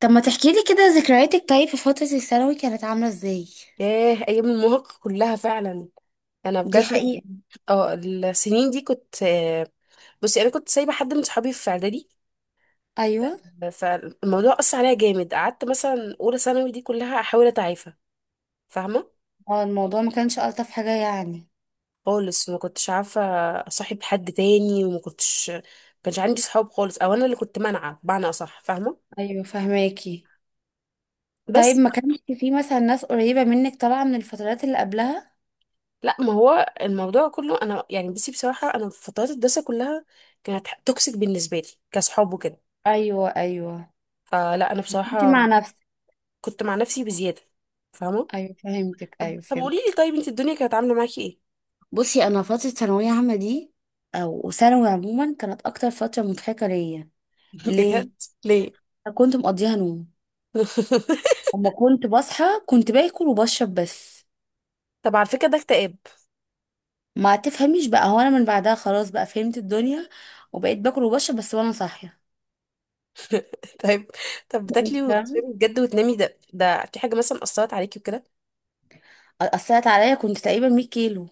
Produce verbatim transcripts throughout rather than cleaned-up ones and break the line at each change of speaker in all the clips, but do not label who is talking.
طب ما تحكي لي كده ذكرياتك؟ طيب، في فترة الثانوي كانت عاملة ازاي؟
ياه، ايام المراهقه كلها فعلا. انا
دي
بجد كنت-
حقيقة.
اه السنين دي كنت آه، بصي انا كنت سايبه حد من صحابي في اعدادي.
ايوه.
فالموضوع اثر عليا جامد، قعدت مثلا اولى ثانوي دي كلها احاول اتعافى. فاهمه؟
اه، الموضوع ما كانش الطف حاجة يعني.
خالص ما كنتش عارفه اصاحب حد تاني، وما كنتش ما كانش عندي صحاب خالص، او انا اللي كنت مانعه بمعنى اصح، فاهمه؟
ايوه فهماكي. طيب
بس
ما كانش في مثلا ناس قريبة منك طالعة من الفترات اللي قبلها؟
لا، ما هو الموضوع كله انا يعني، بصي بصراحه انا في فترات الدراسه كلها كانت توكسيك بالنسبه لي كصحاب وكده.
ايوه، ايوه.
فلا انا
كنت
بصراحه
مع نفسك.
كنت مع نفسي بزيادة، فاهمة؟
ايوه فهمتك،
طب
ايوه
طب قولي لي،
فهمت.
طيب انت الدنيا كانت عاملة معاكي ايه؟
بصي، انا فترة ثانوية عامة دي او ثانوي عموما كانت اكتر فترة مضحكة ليا. ليه؟
بجد؟ ليه؟
أنا كنت مقضيها نوم. اما كنت بصحى كنت باكل وبشرب بس.
طب على فكرة ده اكتئاب.
ما تفهميش بقى، هو انا من بعدها خلاص بقى فهمت الدنيا وبقيت باكل وبشرب بس وانا صاحيه.
طيب. طب
انت
بتاكلي
فاهمه.
وبتشربي بجد وتنامي، ده ده في حاجة مثلا أثرت عليكي وكده؟
اثرت عليا، كنت تقريبا مية كيلو.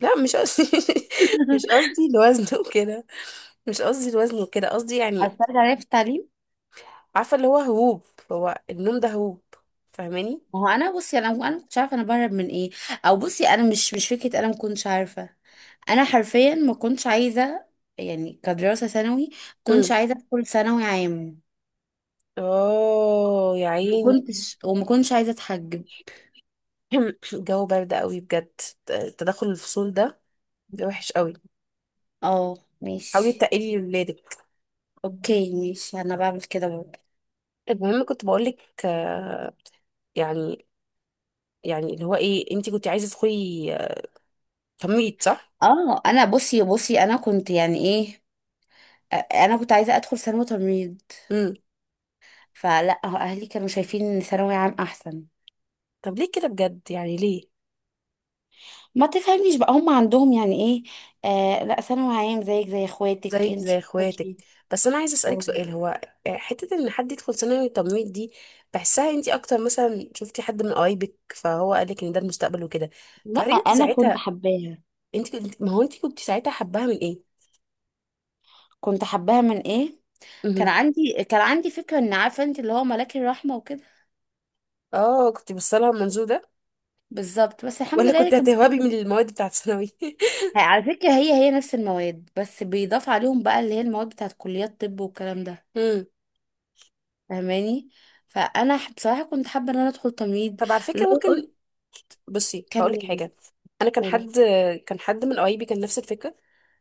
لا مش قصدي. مش قصدي الوزن وكده، مش قصدي الوزن وكده، قصدي يعني
اثرت عليا في التعليم.
عارفة اللي هو هروب، هو النوم ده هروب، فاهماني؟
ما هو انا بصي، انا انا ما كنتش عارفه انا بهرب من ايه. او بصي انا مش مش فكره، انا ما كنتش عارفه. انا حرفيا ما كنتش عايزه، يعني كدراسه ثانوي، ما كنتش
امم.
عايزه ادخل ثانوي عام.
اه يا
ما
عيني.
كنتش، وما كنتش عايزه اتحجب.
الجو برد قوي بجد، تدخل الفصول ده بيبقى وحش قوي.
اه
حاولي
ماشي.
تقلي لولادك.
اوكي ماشي، انا بعمل كده برضه.
المهم كنت بقولك آه، يعني يعني اللي هو ايه، انتي كنت عايزه تدخلي آه، تمريض، صح؟
اه، انا بصي بصي انا كنت يعني ايه، انا كنت عايزه ادخل ثانوي تمريض.
امم.
فلا، هو اهلي كانوا شايفين ان ثانوي عام احسن.
طب ليه كده بجد؟ يعني ليه؟
ما تفهمنيش بقى، هم عندهم يعني ايه؟ آه لا، ثانوي عام زيك زي اخواتك
زيك زي
انتي بتخشي.
اخواتك. بس انا عايزه اسالك
أو-
سؤال، هو آه، حته ان حد يدخل ثانوي تمريض دي بحسها انت اكتر، مثلا شفتي حد من قرايبك فهو قالك ان ده المستقبل وكده؟
لا
فهل انت
انا كنت
ساعتها،
حباها.
انت كنت ما هو انت كنت ساعتها حباها من ايه؟
كنت حباها من ايه؟ كان
امم.
عندي كان عندي فكره ان، عارفه انت، اللي هو ملاك الرحمه وكده.
اه، كنت بصلها من المنظور ده،
بالظبط. بس الحمد
ولا
لله اللي
كنت
كان.
هتهربي من المواد بتاعت ثانوي؟
على فكره، هي هي نفس المواد بس بيضاف عليهم بقى اللي هي المواد بتاعت كليات طب والكلام ده.
امم.
فاهماني. فانا ح- بصراحه كنت حابه ان انا ادخل تمريض.
طب على فكره،
لو.
ممكن بصي هقولك
كلميني.
حاجه. انا كان
قولي.
حد كان حد من قرايبي كان نفس الفكره،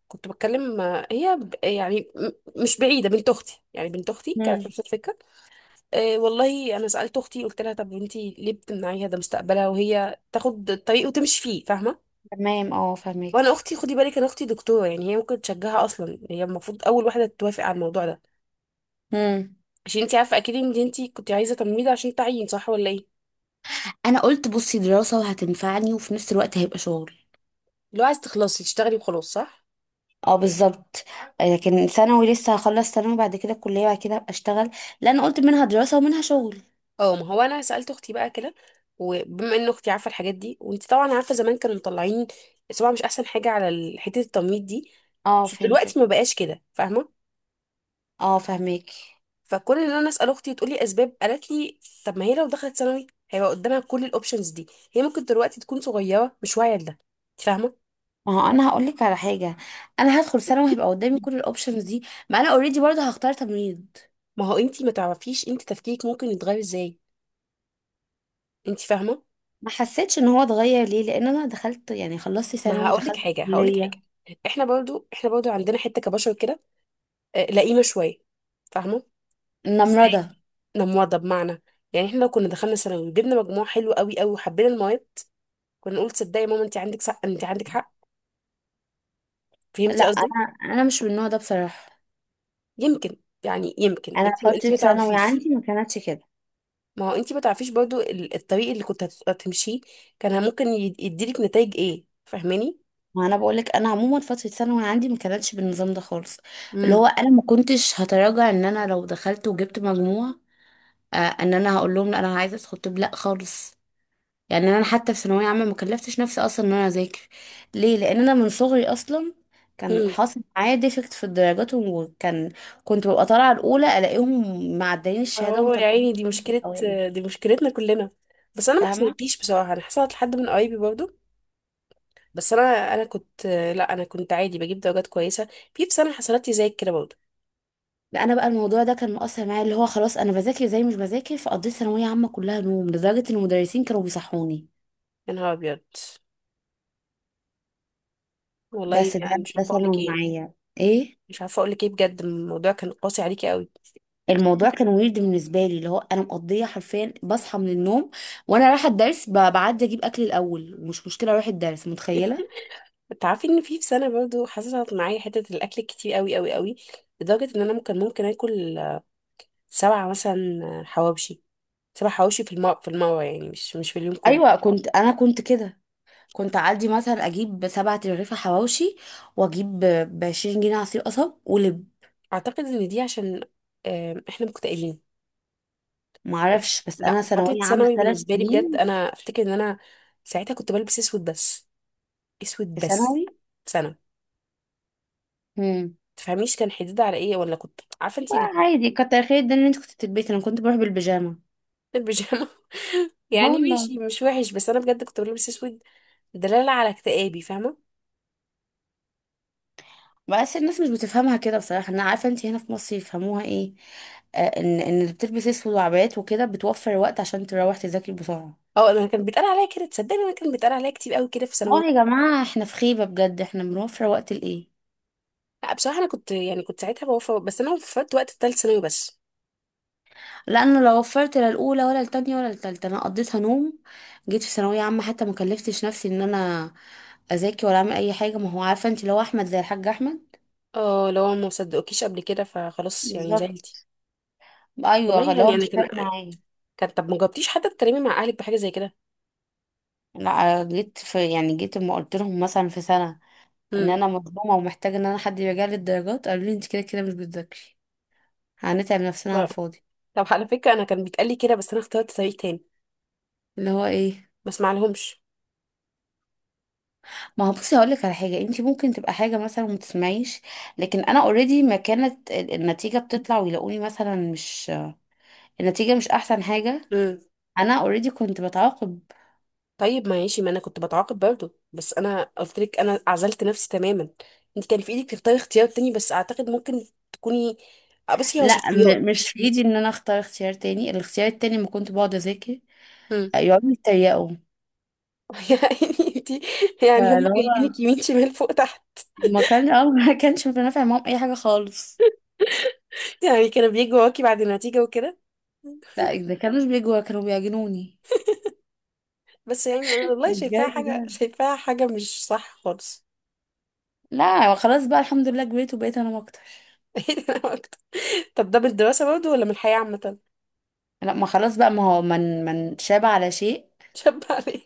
كنت بتكلم. هي ب- يعني م- مش بعيده بنت اختي، يعني بنت اختي كانت
مم.
نفس الفكره. أه والله، انا سالت اختي قلت لها طب انتي ليه بتمنعيها، ده مستقبلها وهي تاخد الطريق وتمشي فيه، فاهمه؟
تمام، اه
وانا
فهماكي.
اختي خدي بالك، انا اختي دكتوره، يعني هي ممكن تشجعها اصلا، هي المفروض اول واحده توافق على الموضوع ده،
مم.
عشان انتي عارفه اكيد ان انتي كنت عايزه تمريض عشان تعيين، صح ولا ايه؟
انا قلت بصي، دراسة وهتنفعني وفي نفس الوقت هيبقى شغل.
لو عايز تخلصي تشتغلي وخلاص، صح؟
اه بالظبط. آه، لكن ثانوي، لسه هخلص ثانوي، بعد كده الكلية، بعد كده هبقى اشتغل. لا، انا قلت منها دراسة ومنها شغل.
اه، ما هو انا سالت اختي بقى كده، وبما ان اختي عارفه الحاجات دي، وانت طبعا عارفه زمان كانوا مطلعين صباع مش احسن حاجه على ال- حته التمويل دي،
اه
بس
فهمتك.
دلوقتي ما بقاش كده، فاهمه؟
اه فهماكي.
فكون ان انا اسال اختي وتقولي اسباب، قالت لي طب ما هي لو دخلت ثانوي هيبقى قدامها كل الاوبشنز دي، هي ممكن دلوقتي تكون صغيره مش واعيه لده، انت فاهمه؟
ما هو، انا هقول لك على حاجة. انا هدخل ثانوي، هيبقى قدامي كل الاوبشنز دي. ما انا اوريدي برضه هختار تمريض.
ما هو انت ما تعرفيش انت تفكيرك ممكن يتغير ازاي، انت فاهمه؟
ما حسيتش ان هو اتغير، ليه؟ لان انا دخلت، يعني خلصت
ما
ثانوي
هقول لك
ودخلت
حاجه هقول لك حاجه،
كلية.
احنا برضو احنا برضو عندنا حته كبشر كده آه، لئيمه شويه، فاهمه؟
نمرضة.
نموضة بمعنى، يعني احنا لو كنا دخلنا ثانوي وجبنا مجموع حلو قوي قوي وحبينا المواد، كنا نقول تصدقي يا ماما انت عندك حق، انت عندك حق.
لا،
فهمتي قصدي؟
انا انا مش من النوع ده بصراحة.
يمكن، يعني يمكن انت
انا فتره
انت ما
ثانوي
تعرفيش،
عندي ما كانتش كده.
ما هو انت ما تعرفيش برضو ال- الطريق اللي كنت هت- هتمشيه كان ممكن ي- يديلك نتائج ايه، فاهماني؟
ما انا بقول لك، انا عموما فتره ثانوي عندي ما كانتش بالنظام ده خالص. اللي هو
امم.
انا ما كنتش هتراجع ان انا لو دخلت وجبت مجموع. آه ان انا هقول لهم، لا انا عايزه ادخل طب، لا خالص. يعني انا حتى في ثانويه عامه ما كلفتش نفسي اصلا ان انا اذاكر. ليه؟ لان انا من صغري اصلا كان
امم.
حاصل معايا ديفكت في الدرجات، وكان كنت ببقى طالعه الاولى الاقيهم معديين الشهاده
اهو يا
ومطلعين
عيني، دي مشكلة،
الأوائل.
دي مشكلتنا كلنا. بس انا ما
فاهمه.
حصلتليش بصراحة، انا حصلت لحد من قرايبي برضو. بس انا انا كنت، لا انا كنت عادي بجيب درجات كويسة. في في سنة حصلت لي زي كده برضو.
لا، انا بقى الموضوع ده كان مؤثر معايا، اللي هو خلاص انا بذاكر زي مش بذاكر، فقضيت ثانويه عامه كلها نوم لدرجه ان المدرسين كانوا بيصحوني.
يا نهار ابيض، والله
بس ده
يعني مش
ده
عارفه اقول لك
ثانوي
ايه،
معايا. ايه.
مش عارفه اقول لك ايه بجد، الموضوع كان قاسي عليكي قوي.
الموضوع كان ويرد بالنسبه لي، اللي هو انا مقضيه حرفيا بصحى من النوم وانا رايحه الدرس، ب- بعدي اجيب اكل الاول ومش مشكله اروح الدرس متخيله.
انت عارفه ان في في سنه برضو حصلت معايا حته الاكل كتير قوي قوي قوي، لدرجه ان انا ممكن ممكن اكل آه، سبعه مثلا آه، حواوشي. سبع حواوشي في المره في المره، يعني مش مش في اليوم كله.
ايوه، كنت انا كنت كده. كنت اعدي مثلا اجيب سبعة رغيفه حواوشي، واجيب ب عشرين جنيه عصير قصب ولب.
اعتقد ان دي عشان آم، احنا مكتئبين.
معرفش. بس انا
لا، فتره
ثانويه عامه
ثانوي
ثلاث
بالنسبه لي بجد
سنين
انا افتكر ان انا ساعتها كنت بلبس اسود بس، اسود
في
بس.
ثانوي.
سنه
مم.
تفهميش كان حديد على ايه، ولا كنت عارفه انت؟
عادي، كتر خير ده ان انت كنت بتلبسي، انا كنت بروح بالبيجامه اه.
البيجامه. يعني
والله.
ماشي مش وحش، بس انا بجد كنت بلبس اسود دلاله على اكتئابي، فاهمه؟
بس الناس مش بتفهمها كده بصراحه، انا عارفه انت هنا في مصر يفهموها ايه. آه ان ان اللي بتلبس اسود وعبايات وكده بتوفر وقت عشان تروح تذاكري بسرعه.
اه، انا كان بيتقال عليا كده، تصدقني انا كان بيتقال عليا كتير قوي كده في ثانوي.
اه يا جماعه، احنا في خيبه بجد، احنا بنوفر وقت لايه؟
لا بصراحه انا كنت يعني كنت ساعتها بوفى، بس انا وفت وقت الثالث ثانوي بس.
لانه لو وفرت، لا الاولى ولا التانية ولا التالتة، انا قضيتها نوم. جيت في ثانويه عامه حتى ما كلفتش نفسي ان انا اذاكر ولا اعمل اي حاجه. ما هو عارفه انت، لو احمد زي الحاج احمد.
اه، لو ما صدقوكيش قبل كده فخلاص يعني
بالظبط.
زعلتي.
ايوه،
والله
لو هو
يعني انا
مش
كان
فارق معايا.
كان طب ما جاوبتيش حتى تتكلمي مع اهلك بحاجه زي كده؟
لا، جيت في يعني جيت لما قلت لهم مثلا في سنة ان
امم.
انا مظلومة ومحتاجة ان انا حد يراجع لي الدرجات، قالوا لي انت كده كده مش بتذاكري، هنتعب نفسنا على الفاضي.
طب على فكره انا كان بيتقال لي كده، بس انا اخترت طريق تاني،
اللي هو ايه؟
ما اسمعلهمش.
ما هو بصي، هقول لك على حاجة، انت ممكن تبقى حاجة مثلا وما تسمعيش، لكن انا اوريدي ما كانت ال- النتيجة بتطلع ويلاقوني مثلا مش، النتيجة مش احسن حاجة، انا اوريدي كنت بتعاقب.
طيب ماشي، ما انا كنت بتعاقب برضه، بس انا قلت لك انا عزلت نفسي تماما. انت كان في ايدك تختاري اختيار تاني، بس اعتقد ممكن تكوني آه، بصي هو
لا، م-
شخصيات.
مش في ايدي ان انا اختار اختيار تاني، الاختيار التاني ما كنت بقعد اذاكر،
امم.
يقعدوا يتريقوا.
يعني انتي، يعني هم
فاللي هو،
جايبينك يمين شمال فوق تحت،
ما كان اه ما كانش بنافع معاهم اي حاجه خالص.
يعني كانوا بيجوا وراكي بعد النتيجة وكده؟
لا، اذا كانوش بيجوا كانوا بيعجنوني
بس يعني انا والله شايفاها
الجري
حاجة
ده.
شايفاها حاجة مش صح خالص.
لا خلاص بقى، الحمد لله كبرت وبقيت انام اكتر.
ايه ده، أنا أكتر. طب ده من الدراسة برضه ولا من الحياة عامة؟
لا ما خلاص بقى، ما هو من من شاب على شيء.
شب عليه.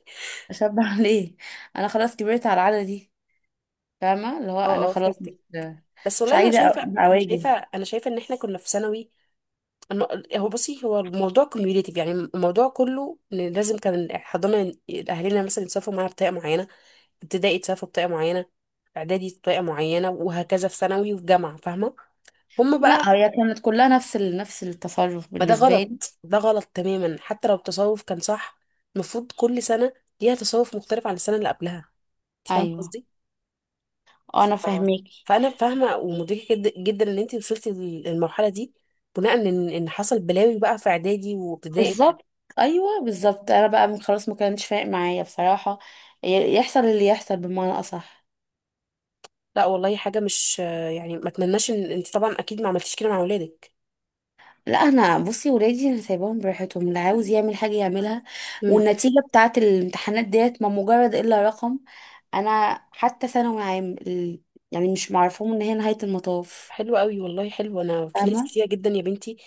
شاب على ايه. انا خلاص كبرت على العاده دي. فاهمه، اللي هو انا
اه، اه،
خلاص،
فهمتك.
مش
بس
مش
والله انا
عايزه
شايفة.
أ-
انا شايفة
اواجه.
انا شايفة ان احنا كنا في ثانوي، الم- هو بصي، هو الموضوع كوميوليتيف، يعني الموضوع كله ان لازم كان الحضانه اهالينا مثلا يتصرفوا معانا بطريقه معينه، ابتدائي يتصرفوا بطريقه معينه، اعدادي بطريقه معينه، وهكذا في ثانوي وفي جامعه، فاهمه؟ هم بقى،
لا، هي كانت كلها نفس ال... نفس التصرف
ما ده
بالنسبه لي.
غلط، ده غلط تماما، حتى لو التصرف كان صح، المفروض كل سنه ليها تصرف مختلف عن السنه اللي قبلها، انت فاهمه
ايوه،
قصدي؟ ف...
انا فاهمك.
فانا فاهمه ومدركه جد- جدا ان انت وصلتي للمرحله دي بناء ان ان حصل بلاوي بقى في اعدادي وابتدائي.
بالظبط. ايوه بالظبط. انا بقى، من خلاص ما كانش فارق معايا بصراحه، ي- يحصل اللي يحصل بمعنى اصح.
لا والله حاجة مش يعني ما اتمناش، ان انت طبعا اكيد ما عملتيش كده مع اولادك.
لا، انا بصي، ولادي انا سايباهم براحتهم، اللي عاوز يعمل حاجه يعملها.
امم.
والنتيجه بتاعه الامتحانات ديت ما مجرد الا رقم. انا حتى ثانوي عام ال- يعني مش معرفهم ان هي نهايه المطاف.
حلو قوي والله، حلو، انا في ناس
فاهمه.
كتيرة جدا يا بنتي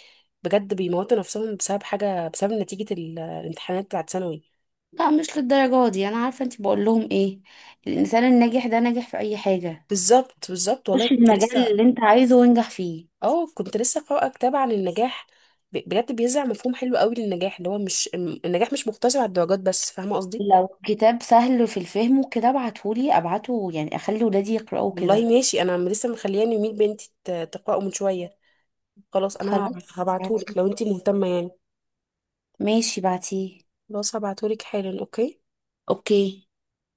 بجد بيموتوا نفسهم بسبب حاجة، بسبب نتيجة ال- الامتحانات بتاعت ثانوي.
لا مش للدرجه دي، انا عارفه انت بقول لهم ايه. الانسان الناجح ده ناجح في اي حاجه،
بالظبط، بالظبط، والله
خش
كنت
المجال
لسه،
اللي انت عايزه وانجح فيه.
اه كنت لسه قارئة كتاب عن النجاح ب- بجد بيزرع مفهوم حلو قوي للنجاح، اللي هو مش الم- النجاح مش مقتصر على الدرجات بس، فاهمة قصدي؟
لو كتاب سهل في الفهم وكده ابعتهولي، ابعته يعني اخلي ولادي يقرأوه
والله
كده.
ماشي، انا عم- لسه مخلياني يميل بنتي ت- تقرأه من شوية. خلاص
خلاص،
انا
بعتيه.
هبعتهولك لو انت مهتمة يعني.
ماشي بعتيه.
خلاص هبعتهولك حالا، اوكي.
اوكي.